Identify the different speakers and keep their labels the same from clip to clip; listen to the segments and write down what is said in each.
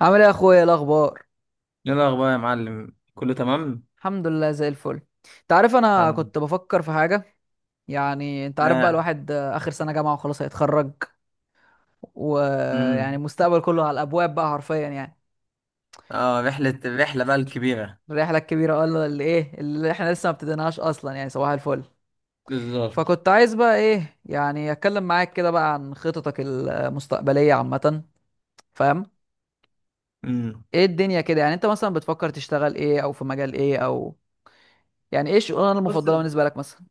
Speaker 1: عامل ايه يا اخويا؟ إيه الاخبار؟
Speaker 2: ايه الاخبار يا معلم، كله تمام.
Speaker 1: الحمد لله زي الفل. انت عارف، انا
Speaker 2: عم-
Speaker 1: كنت بفكر في حاجه. يعني انت عارف بقى
Speaker 2: اه.
Speaker 1: الواحد اخر سنه جامعه وخلاص هيتخرج. ويعني
Speaker 2: امم
Speaker 1: المستقبل كله على الابواب بقى حرفيا يعني.
Speaker 2: اه، الرحله بقى الكبيره.
Speaker 1: الرحله الكبيره ولا اللي ايه اللي احنا لسه ما ابتديناهاش اصلا، يعني صباح الفل.
Speaker 2: بالظبط.
Speaker 1: فكنت عايز بقى ايه، يعني اتكلم معاك كده بقى عن خططك المستقبليه عامه، فاهم؟
Speaker 2: امم
Speaker 1: ايه الدنيا كده؟ يعني انت مثلا بتفكر تشتغل ايه، او في مجال ايه، او يعني ايه الشغلانه
Speaker 2: بص.
Speaker 1: المفضله بالنسبه لك مثلا؟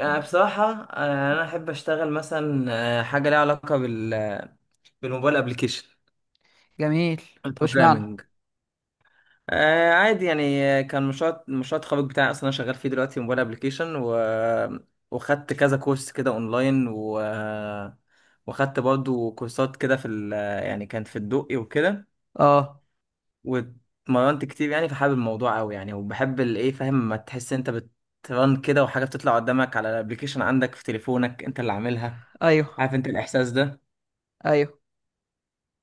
Speaker 2: بصراحة، أنا أحب أشتغل مثلا. حاجة ليها علاقة بالموبايل أبليكيشن.
Speaker 1: جميل. طب اشمعنى؟
Speaker 2: البروجرامينج. عادي يعني، كان مشروع التخرج بتاعي أصلا، أنا شغال فيه دلوقتي موبايل أبليكيشن وخدت كذا كورس كده أونلاين، و... آه، وخدت برضو كورسات كده في ال... آه، يعني كانت في الدقي وكده.
Speaker 1: اه.
Speaker 2: واتمرنت كتير يعني، فحابب الموضوع قوي يعني، وبحب الايه، فاهم ما تحس انت بترن كده وحاجه بتطلع قدامك على الابليكيشن عندك في تليفونك انت اللي عاملها.
Speaker 1: ايوه.
Speaker 2: عارف انت الاحساس ده؟
Speaker 1: ايوه.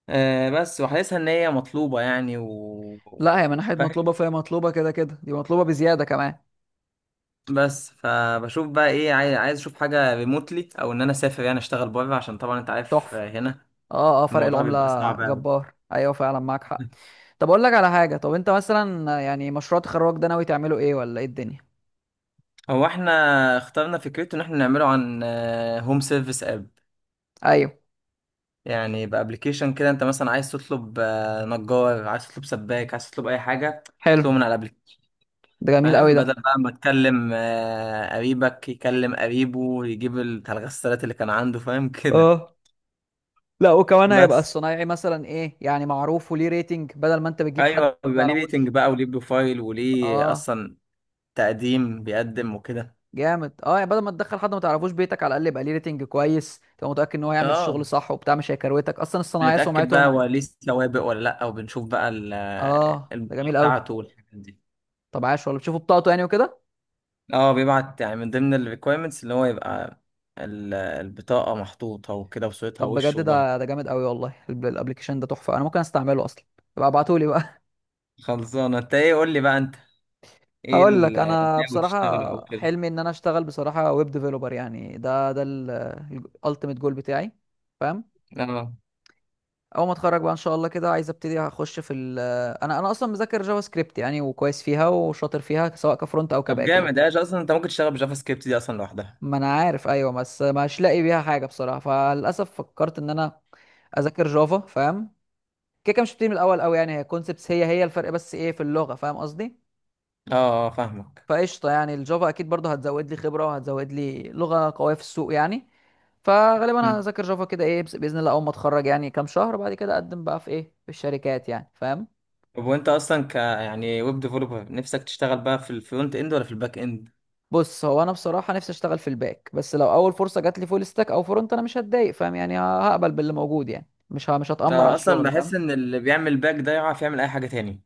Speaker 2: بس وحاسسها ان هي مطلوبه يعني و
Speaker 1: لا هي من ناحيه مطلوبه،
Speaker 2: فاهم.
Speaker 1: فهي مطلوبه كده كده، دي مطلوبه بزياده كمان.
Speaker 2: بس فبشوف بقى، ايه، عايز اشوف حاجه ريموتلي، او ان انا اسافر يعني اشتغل بره، عشان طبعا انت عارف،
Speaker 1: تحفه.
Speaker 2: هنا
Speaker 1: اه اه، فرق
Speaker 2: الموضوع بيبقى
Speaker 1: العمله
Speaker 2: صعب قوي.
Speaker 1: جبار. ايوه فعلا معاك حق. طب اقول لك على حاجه، طب انت مثلا يعني مشروع تخرجك ده ناوي تعمله ايه، ولا ايه الدنيا؟
Speaker 2: هو احنا اخترنا فكرته ان احنا نعمله عن هوم سيرفيس اب.
Speaker 1: ايوه.
Speaker 2: يعني بابلكيشن كده، انت مثلا عايز تطلب، نجار، عايز تطلب سباك، عايز تطلب اي حاجه
Speaker 1: حلو.
Speaker 2: تطلبه من على الابلكيشن.
Speaker 1: ده جميل قوي
Speaker 2: فاهم،
Speaker 1: ده.
Speaker 2: بدل بقى ما تكلم قريبك يكلم قريبه يجيب الغسالات اللي كان عنده، فاهم، كده.
Speaker 1: اه. لا وكمان هيبقى
Speaker 2: بس
Speaker 1: الصنايعي مثلا ايه، يعني معروف وليه ريتنج، بدل ما انت بتجيب حد ما
Speaker 2: ايوه، بيبقى ليه ريتنج
Speaker 1: تعرفوش.
Speaker 2: بقى، وليه بروفايل، وليه
Speaker 1: اه.
Speaker 2: اصلا تقديم بيقدم وكده.
Speaker 1: جامد. اه يعني بدل ما تدخل حد ما تعرفوش بيتك، على الاقل يبقى ليه ريتنج كويس، تبقى متاكد ان هو هيعمل الشغل
Speaker 2: اه،
Speaker 1: صح وبتاع، مش هيكروتك اصلا الصنايعيه،
Speaker 2: بنتاكد بقى
Speaker 1: سمعتهم.
Speaker 2: هو ليه سوابق ولا لا، وبنشوف بقى
Speaker 1: اه. ده
Speaker 2: البطاقه
Speaker 1: جميل قوي.
Speaker 2: بتاعته والحاجات دي.
Speaker 1: طب عاش والله، بتشوفوا بطاقته يعني وكده؟
Speaker 2: اه، بيبعت يعني من ضمن الريكويرمنتس اللي هو يبقى البطاقة محطوطة وكده، وصورتها،
Speaker 1: طب بجد
Speaker 2: وش وظهر.
Speaker 1: ده جامد قوي والله، الابلكيشن ده تحفه، انا ممكن استعمله اصلا. يبقى ابعتولي بقى.
Speaker 2: خلصانة انت، ايه، قول لي بقى انت ايه
Speaker 1: هقول لك
Speaker 2: اللي
Speaker 1: انا
Speaker 2: ناوي تشتغله او
Speaker 1: بصراحه،
Speaker 2: كده.
Speaker 1: حلمي ان انا اشتغل بصراحه ويب ديفلوبر، يعني ده الالتيميت جول بتاعي، فاهم؟
Speaker 2: اه،
Speaker 1: اول ما اتخرج بقى ان شاء الله كده، عايز ابتدي اخش في ال، انا اصلا مذاكر جافا سكريبت يعني، وكويس فيها وشاطر فيها، سواء كفرونت او
Speaker 2: طب
Speaker 1: كباك
Speaker 2: جامد.
Speaker 1: الاتنين.
Speaker 2: ايه اصلا انت ممكن تشتغل بجافا سكريبت دي اصلا لوحدها؟
Speaker 1: ما انا عارف، ايوه، بس مش لاقي بيها حاجه بصراحه، فللاسف فكرت ان انا اذاكر جافا، فاهم؟ كده كده مش بتيجي من الاول قوي يعني، هي كونسبتس، هي الفرق، بس ايه في اللغه، فاهم قصدي؟
Speaker 2: اه، فاهمك.
Speaker 1: فقشطه يعني، الجافا اكيد برضه هتزود لي خبره وهتزود لي لغه قويه في السوق يعني. فغالبا
Speaker 2: مم.
Speaker 1: هذاكر جافا كده ايه، باذن الله اول ما اتخرج يعني كام شهر بعد كده، اقدم بقى في ايه، في الشركات يعني، فاهم؟
Speaker 2: طب وانت اصلا يعني ويب ديفلوبر، نفسك تشتغل بقى في الفرونت اند ولا في الباك اند؟
Speaker 1: بص هو انا بصراحه نفسي اشتغل في الباك، بس لو اول فرصه جات لي فول ستاك او فرونت انا مش هتضايق، فاهم يعني، هقبل باللي موجود يعني، مش هتأمر على
Speaker 2: اه، اصلا
Speaker 1: الشغل،
Speaker 2: بحس
Speaker 1: فاهم؟
Speaker 2: ان اللي بيعمل باك ده يعرف يعمل اي حاجة تاني.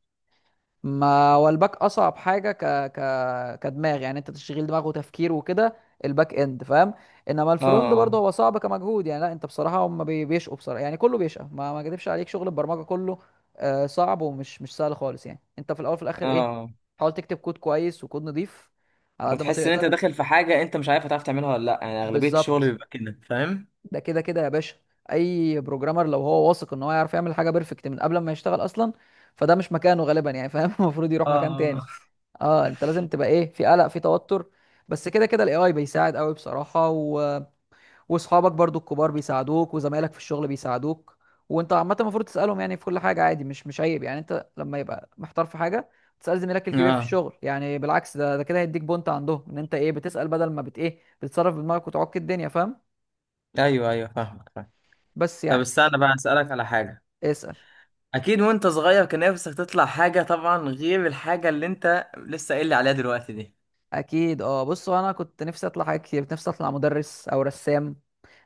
Speaker 1: ما هو الباك اصعب حاجه ك، ك كدماغ، يعني انت تشغيل دماغ وتفكير وكده، الباك اند، فاهم؟ انما الفرونت
Speaker 2: اه،
Speaker 1: برضه هو صعب كمجهود يعني، لا انت بصراحه هم بيشقوا بصراحه، يعني كله بيشقى، ما اكدبش عليك شغل البرمجه كله صعب، ومش مش سهل خالص يعني. انت في الاول في الاخر
Speaker 2: اه،
Speaker 1: ايه،
Speaker 2: اه.
Speaker 1: حاول تكتب كود كويس وكود نظيف على قد ما
Speaker 2: وتحس ان انت
Speaker 1: تقدر.
Speaker 2: داخل في حاجه انت مش عارف هتعرف تعملها ولا لا، يعني اغلبيه الشغل
Speaker 1: بالظبط،
Speaker 2: بيبقى كده، فاهم.
Speaker 1: ده كده كده يا باشا، اي بروجرامر لو هو واثق ان هو يعرف يعمل حاجه بيرفكت من قبل ما يشتغل اصلا، فده مش مكانه غالبا يعني، فاهم؟ المفروض يروح مكان
Speaker 2: اه،
Speaker 1: تاني. اه انت لازم تبقى ايه، في قلق، في توتر، بس كده كده الاي اي بيساعد قوي بصراحه، و... واصحابك برضو الكبار بيساعدوك، وزمايلك في الشغل بيساعدوك، وانت عامه المفروض تسالهم يعني في كل حاجه عادي، مش عيب يعني، انت لما يبقى محتار في حاجه تسال زميلك الكبير في
Speaker 2: اه،
Speaker 1: الشغل يعني، بالعكس، ده كده هيديك بونت عندهم، ان انت ايه، بتسال بدل ما بت ايه، بتتصرف بدماغك وتعك الدنيا، فاهم؟
Speaker 2: ايوه، ايوه، فاهمك فاهم.
Speaker 1: بس
Speaker 2: طب
Speaker 1: يعني.
Speaker 2: استنى بقى اسالك على حاجه.
Speaker 1: اسال.
Speaker 2: اكيد، وانت صغير كان نفسك تطلع حاجه طبعا، غير الحاجه اللي انت لسه قايل لي عليها دلوقتي دي.
Speaker 1: اكيد اه. بص انا كنت نفسي اطلع حاجات كتير، كنت نفسي اطلع مدرس او رسام،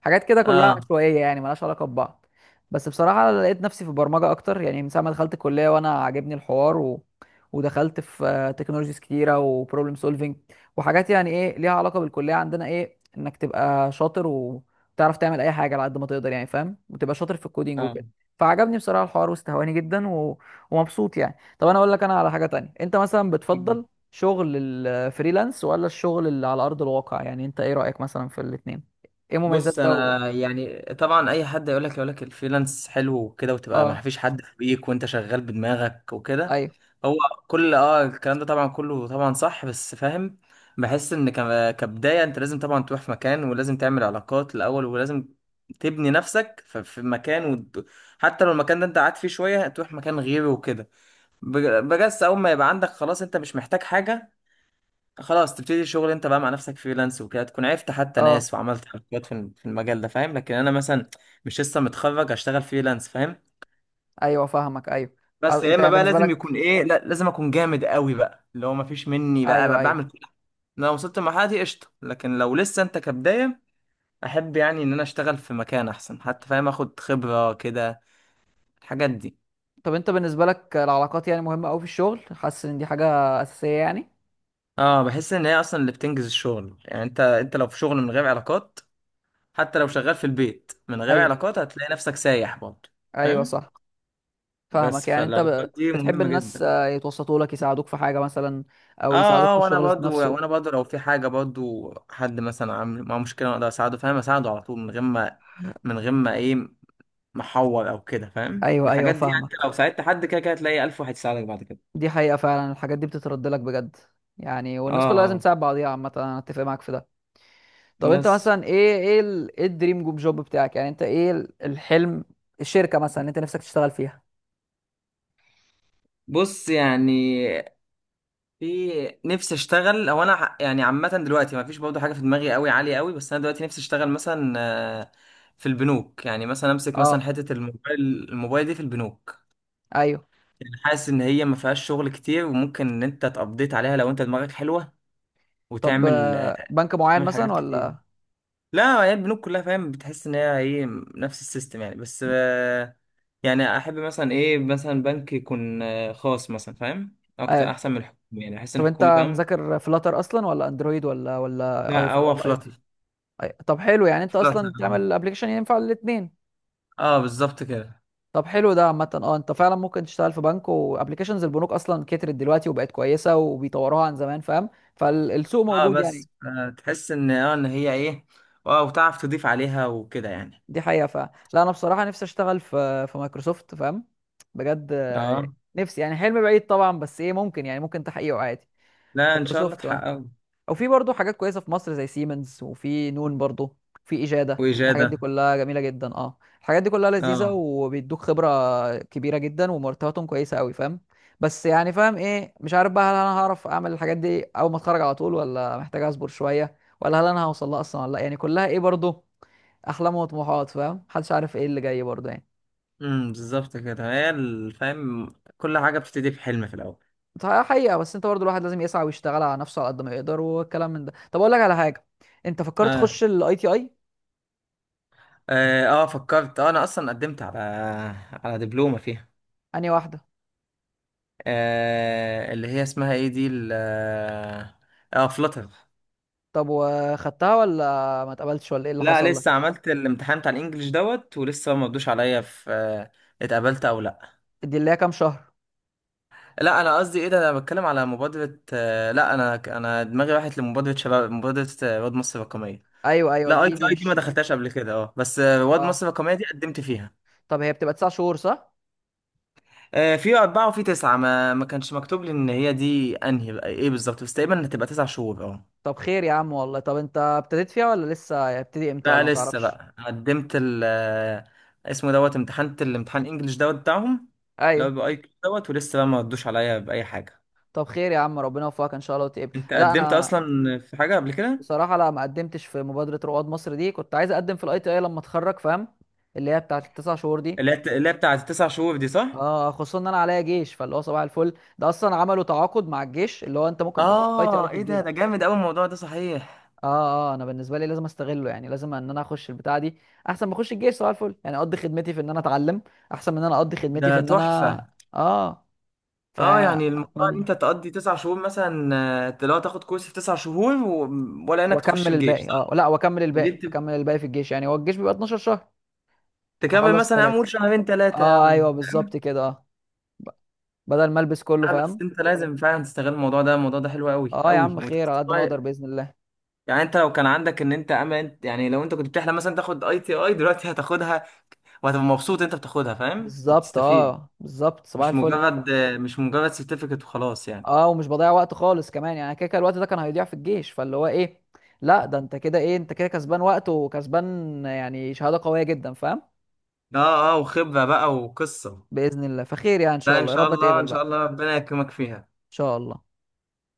Speaker 1: حاجات كده كلها
Speaker 2: اه،
Speaker 1: عشوائيه يعني ملهاش علاقه ببعض. بس بصراحه لقيت نفسي في البرمجه اكتر يعني، من ساعه ما دخلت الكليه وانا عاجبني الحوار، و... ودخلت في تكنولوجيز كتيره وبروبلم سولفينج، وحاجات يعني ايه ليها علاقه بالكليه عندنا، ايه انك تبقى شاطر وتعرف تعمل اي حاجه على قد ما تقدر يعني، فاهم، وتبقى شاطر في الكودينج
Speaker 2: اه،
Speaker 1: وكده. فعجبني بصراحه الحوار، واستهواني جدا، و... ومبسوط يعني. طب انا اقول لك انا على حاجه تانية، انت مثلا بتفضل شغل الفريلانس ولا الشغل اللي على ارض الواقع؟ يعني انت ايه رايك مثلا في الاثنين، ايه مميزات
Speaker 2: بص
Speaker 1: ده. و...
Speaker 2: انا يعني، طبعا اي حد يقول لك الفريلانس حلو وكده، وتبقى ما
Speaker 1: اه.
Speaker 2: فيش حد فوقيك وانت شغال بدماغك وكده.
Speaker 1: ايوه.
Speaker 2: هو كل الكلام ده طبعا كله طبعا صح، بس فاهم. بحس ان كبداية انت لازم طبعا تروح في مكان، ولازم تعمل علاقات الاول، ولازم تبني نفسك في مكان، حتى لو المكان ده انت قاعد فيه شوية تروح مكان غيره وكده. بجس اول ما يبقى عندك خلاص انت مش محتاج حاجة، خلاص تبتدي شغل انت بقى مع نفسك فريلانس وكده، تكون عرفت حتى
Speaker 1: اه.
Speaker 2: ناس وعملت حركات في في المجال ده، فاهم، لكن انا مثلا مش لسه متخرج اشتغل فريلانس، فاهم.
Speaker 1: ايوه فاهمك. ايوه.
Speaker 2: بس يا
Speaker 1: انت
Speaker 2: اما
Speaker 1: يعني
Speaker 2: بقى
Speaker 1: بالنسبه
Speaker 2: لازم يكون
Speaker 1: لك.
Speaker 2: ايه، لا لازم اكون جامد قوي بقى، اللي هو مفيش مني،
Speaker 1: ايوه
Speaker 2: بقى
Speaker 1: ايوه.
Speaker 2: بعمل كل حاجه. لو وصلت المرحله دي قشطه، لكن لو لسه انت كبدايه احب يعني ان انا اشتغل في مكان احسن حتى، فاهم، اخد خبره كده الحاجات دي.
Speaker 1: طب انت بالنسبه لك العلاقات يعني مهمه قوي في الشغل، حاسس ان دي حاجه اساسيه يعني؟
Speaker 2: اه، بحس ان هي اصلا اللي بتنجز الشغل يعني، انت لو في شغل من غير علاقات حتى لو شغال في البيت من غير
Speaker 1: ايوه
Speaker 2: علاقات هتلاقي نفسك سايح برضه،
Speaker 1: ايوه
Speaker 2: فاهم.
Speaker 1: صح.
Speaker 2: بس،
Speaker 1: فاهمك، يعني انت
Speaker 2: فالعلاقات دي
Speaker 1: بتحب
Speaker 2: مهمة
Speaker 1: الناس
Speaker 2: جدا.
Speaker 1: يتوسطوا لك، يساعدوك في حاجه مثلا،
Speaker 2: اه،
Speaker 1: او يساعدوك في
Speaker 2: اه، وانا
Speaker 1: الشغل ذات
Speaker 2: برضو
Speaker 1: نفسه.
Speaker 2: لو في حاجة، برضو حد مثلا عامل معاه مشكلة اقدر اساعده، فاهم، اساعده على طول، من غير ما ايه، محور او كده، فاهم،
Speaker 1: ايوه ايوه
Speaker 2: الحاجات دي يعني، انت
Speaker 1: فاهمك،
Speaker 2: لو ساعدت حد كده كده هتلاقي الف واحد يساعدك بعد كده.
Speaker 1: دي حقيقه فعلا، الحاجات دي بتترد لك بجد يعني،
Speaker 2: اه،
Speaker 1: والناس كلها لازم
Speaker 2: آه.
Speaker 1: تساعد بعضيها عامه، انا اتفق معاك في ده. طب انت
Speaker 2: بس،
Speaker 1: مثلا ايه، ايه الدريم جوب بتاعك، يعني انت ايه الحلم، الشركة مثلا اللي انت نفسك تشتغل فيها؟
Speaker 2: بص يعني في نفسي اشتغل، او انا يعني عامة دلوقتي ما فيش برضو حاجة في دماغي قوي عالية قوي، بس انا دلوقتي نفسي اشتغل مثلا في البنوك، يعني مثلا امسك مثلا
Speaker 1: اه.
Speaker 2: حتة الموبايل، الموبايل دي في البنوك.
Speaker 1: ايوه.
Speaker 2: يعني حاسس ان هي ما فيهاش شغل كتير، وممكن ان انت تقضيت عليها لو انت دماغك حلوه،
Speaker 1: طب
Speaker 2: وتعمل
Speaker 1: بنك معين
Speaker 2: حاجات
Speaker 1: مثلا
Speaker 2: كتير.
Speaker 1: ولا؟
Speaker 2: لا هي البنوك كلها، فاهم، بتحس ان هي ايه، نفس السيستم يعني، بس يعني احب مثلا ايه، مثلا بنك يكون خاص مثلا، فاهم، اكتر
Speaker 1: آه.
Speaker 2: احسن من الحكومي، يعني احس ان
Speaker 1: طب انت
Speaker 2: الحكومي فاهم.
Speaker 1: مذاكر فلاتر اصلا ولا اندرويد، ولا اي،
Speaker 2: لا هو
Speaker 1: ولا اي او
Speaker 2: فلاتر.
Speaker 1: تي؟ طب حلو، يعني انت
Speaker 2: فلاتر
Speaker 1: اصلا
Speaker 2: اه.
Speaker 1: تعمل ابلكيشن ينفع الاثنين.
Speaker 2: بالظبط كده.
Speaker 1: طب حلو ده عامة، اه انت فعلا ممكن تشتغل في بنك، وابلكيشنز البنوك اصلا كترت دلوقتي وبقت كويسة، وبيطوروها عن زمان، فاهم، فالسوق
Speaker 2: اه
Speaker 1: موجود يعني.
Speaker 2: بس تحس ان، هي ايه، اه، وتعرف تضيف عليها وكده يعني.
Speaker 1: دي حقيقة. لا أنا بصراحة نفسي أشتغل في مايكروسوفت، فاهم؟ بجد
Speaker 2: اه،
Speaker 1: نفسي يعني، حلم بعيد طبعا بس إيه، ممكن يعني، ممكن تحقيقه عادي.
Speaker 2: لا ان شاء الله
Speaker 1: مايكروسوفت أه.
Speaker 2: تحققه.
Speaker 1: أو في برضه حاجات كويسة في مصر زي سيمنز، وفي نون برضه، في إجادة، الحاجات دي
Speaker 2: واجاده.
Speaker 1: كلها جميلة جدا. أه الحاجات دي كلها لذيذة
Speaker 2: اه،
Speaker 1: وبيدوك خبرة كبيرة جدا، ومرتباتهم كويسة أوي، فاهم؟ بس يعني فاهم إيه، مش عارف بقى هل أنا هعرف أعمل الحاجات دي أول ما أتخرج على طول، ولا محتاج أصبر شوية، ولا هل أنا هوصل لها أصلا ولا لأ، يعني كلها إيه برضه احلام وطموحات، فاهم، محدش عارف ايه اللي جاي برضه يعني.
Speaker 2: بالظبط كده. هي فاهم، كل حاجه بتبتدي بحلم في الاول.
Speaker 1: ده حقيقة، بس انت برضه الواحد لازم يسعى ويشتغل على نفسه على قد ما يقدر، والكلام من ده. طب اقول لك على حاجة، انت فكرت
Speaker 2: اه،
Speaker 1: تخش الاي تي اي؟
Speaker 2: اه، فكرت، انا اصلا قدمت على دبلومه فيها.
Speaker 1: انهي واحدة؟
Speaker 2: اللي هي اسمها ايه دي، فلتر.
Speaker 1: طب وخدتها ولا ما اتقبلتش، ولا ايه اللي
Speaker 2: لا
Speaker 1: حصل لك؟
Speaker 2: لسه عملت الامتحان بتاع الانجليش دوت، ولسه ما ردوش عليا في، اتقبلت او لا.
Speaker 1: دي اللي هي كام شهر؟
Speaker 2: لا انا قصدي، ايه ده، انا بتكلم على مبادره، لا انا دماغي راحت لمبادره شباب، مبادره رواد مصر الرقميه.
Speaker 1: ايوه ايوه
Speaker 2: لا اي
Speaker 1: دي
Speaker 2: تي
Speaker 1: دي
Speaker 2: اي دي ما
Speaker 1: مش.
Speaker 2: دخلتهاش قبل كده، اه بس رواد
Speaker 1: اه.
Speaker 2: مصر الرقميه دي قدمت فيها.
Speaker 1: طب هي بتبقى تسع شهور صح؟
Speaker 2: في أربعة وفي تسعة، ما كانش مكتوب لي إن هي دي أنهي بقى إيه بالظبط، بس تقريبا هتبقى 9 شهور، أه.
Speaker 1: طب خير يا عم والله، طب انت ابتديت فيها ولا لسه هيبتدي امتى،
Speaker 2: لا
Speaker 1: ولا ما
Speaker 2: لسه
Speaker 1: تعرفش؟
Speaker 2: بقى قدمت ال، اسمه دوت، امتحنت الامتحان الإنجليش دوت بتاعهم. لو
Speaker 1: ايوه.
Speaker 2: بأي كيو دوت، ولسه بقى ما ردوش عليا بأي حاجة.
Speaker 1: طب خير يا عم ربنا يوفقك ان شاء الله، وتقبل
Speaker 2: أنت
Speaker 1: لا
Speaker 2: قدمت
Speaker 1: انا
Speaker 2: أصلا في حاجة قبل كده؟
Speaker 1: بصراحة لا ما قدمتش في مبادرة رواد مصر دي، كنت عايز اقدم في الاي تي اي لما اتخرج، فاهم، اللي هي بتاعت التسع شهور دي.
Speaker 2: اللي هي بتاعت التسع شهور دي، صح؟
Speaker 1: اه خصوصا ان انا عليا جيش، فاللي هو صباح الفل ده اصلا، عملوا تعاقد مع الجيش اللي هو انت ممكن تاخد اي تي اي في
Speaker 2: إيه ده
Speaker 1: الجيش.
Speaker 2: جامد أوي الموضوع ده، صحيح.
Speaker 1: اه اه. انا بالنسبة لي لازم استغله، يعني لازم ان انا اخش البتاعة دي، احسن ما اخش الجيش صباح الفل يعني، اقضي خدمتي في ان انا اتعلم احسن من ان انا اقضي خدمتي في
Speaker 2: ده
Speaker 1: ان
Speaker 2: تحفة.
Speaker 1: انا اه
Speaker 2: اه، يعني الموضوع ان
Speaker 1: فاتمنى.
Speaker 2: انت تقضي 9 شهور مثلا، لو تاخد كورس في 9 شهور و... ولا انك تخش
Speaker 1: واكمل
Speaker 2: الجيش،
Speaker 1: الباقي. اه
Speaker 2: صح؟
Speaker 1: لا، واكمل الباقي
Speaker 2: جبت.
Speaker 1: اكمل الباقي في الجيش يعني، هو الجيش بيبقى 12 شهر،
Speaker 2: تكمل
Speaker 1: اخلص
Speaker 2: مثلا يا عم،
Speaker 1: الثلاثة.
Speaker 2: قول شهرين ثلاثة يا
Speaker 1: اه ايوه
Speaker 2: عم.
Speaker 1: بالظبط كده. اه ب- بدل ما البس كله،
Speaker 2: اه، بس
Speaker 1: فاهم؟
Speaker 2: انت لازم فعلا تستغل الموضوع ده، الموضوع ده حلو قوي
Speaker 1: اه يا
Speaker 2: قوي،
Speaker 1: عم خير،
Speaker 2: وتحس
Speaker 1: على قد ما اقدر
Speaker 2: بقى-
Speaker 1: باذن الله.
Speaker 2: يعني انت لو كان عندك ان انت امل، انت يعني لو انت كنت بتحلم مثلا تاخد اي تي اي دلوقتي هتاخدها، وهتبقى مبسوط انت بتاخدها، فاهم،
Speaker 1: بالظبط،
Speaker 2: وبتستفيد.
Speaker 1: بالظبط صباح
Speaker 2: مش
Speaker 1: الفل.
Speaker 2: مجرد، سيرتيفيكت وخلاص يعني.
Speaker 1: اه، ومش بضيع وقت خالص كمان يعني، كده كده الوقت ده كان هيضيع في الجيش، فاللي هو ايه، لا ده انت كده ايه، انت كده كسبان وقت وكسبان، يعني شهاده قويه جدا، فاهم،
Speaker 2: اه، اه، وخبرة بقى وقصة.
Speaker 1: باذن الله. فخير يعني ان شاء
Speaker 2: لا ان
Speaker 1: الله، يا
Speaker 2: شاء
Speaker 1: رب
Speaker 2: الله،
Speaker 1: اتقبل
Speaker 2: ان
Speaker 1: بقى
Speaker 2: شاء
Speaker 1: ان
Speaker 2: الله ربنا يكرمك فيها.
Speaker 1: شاء الله.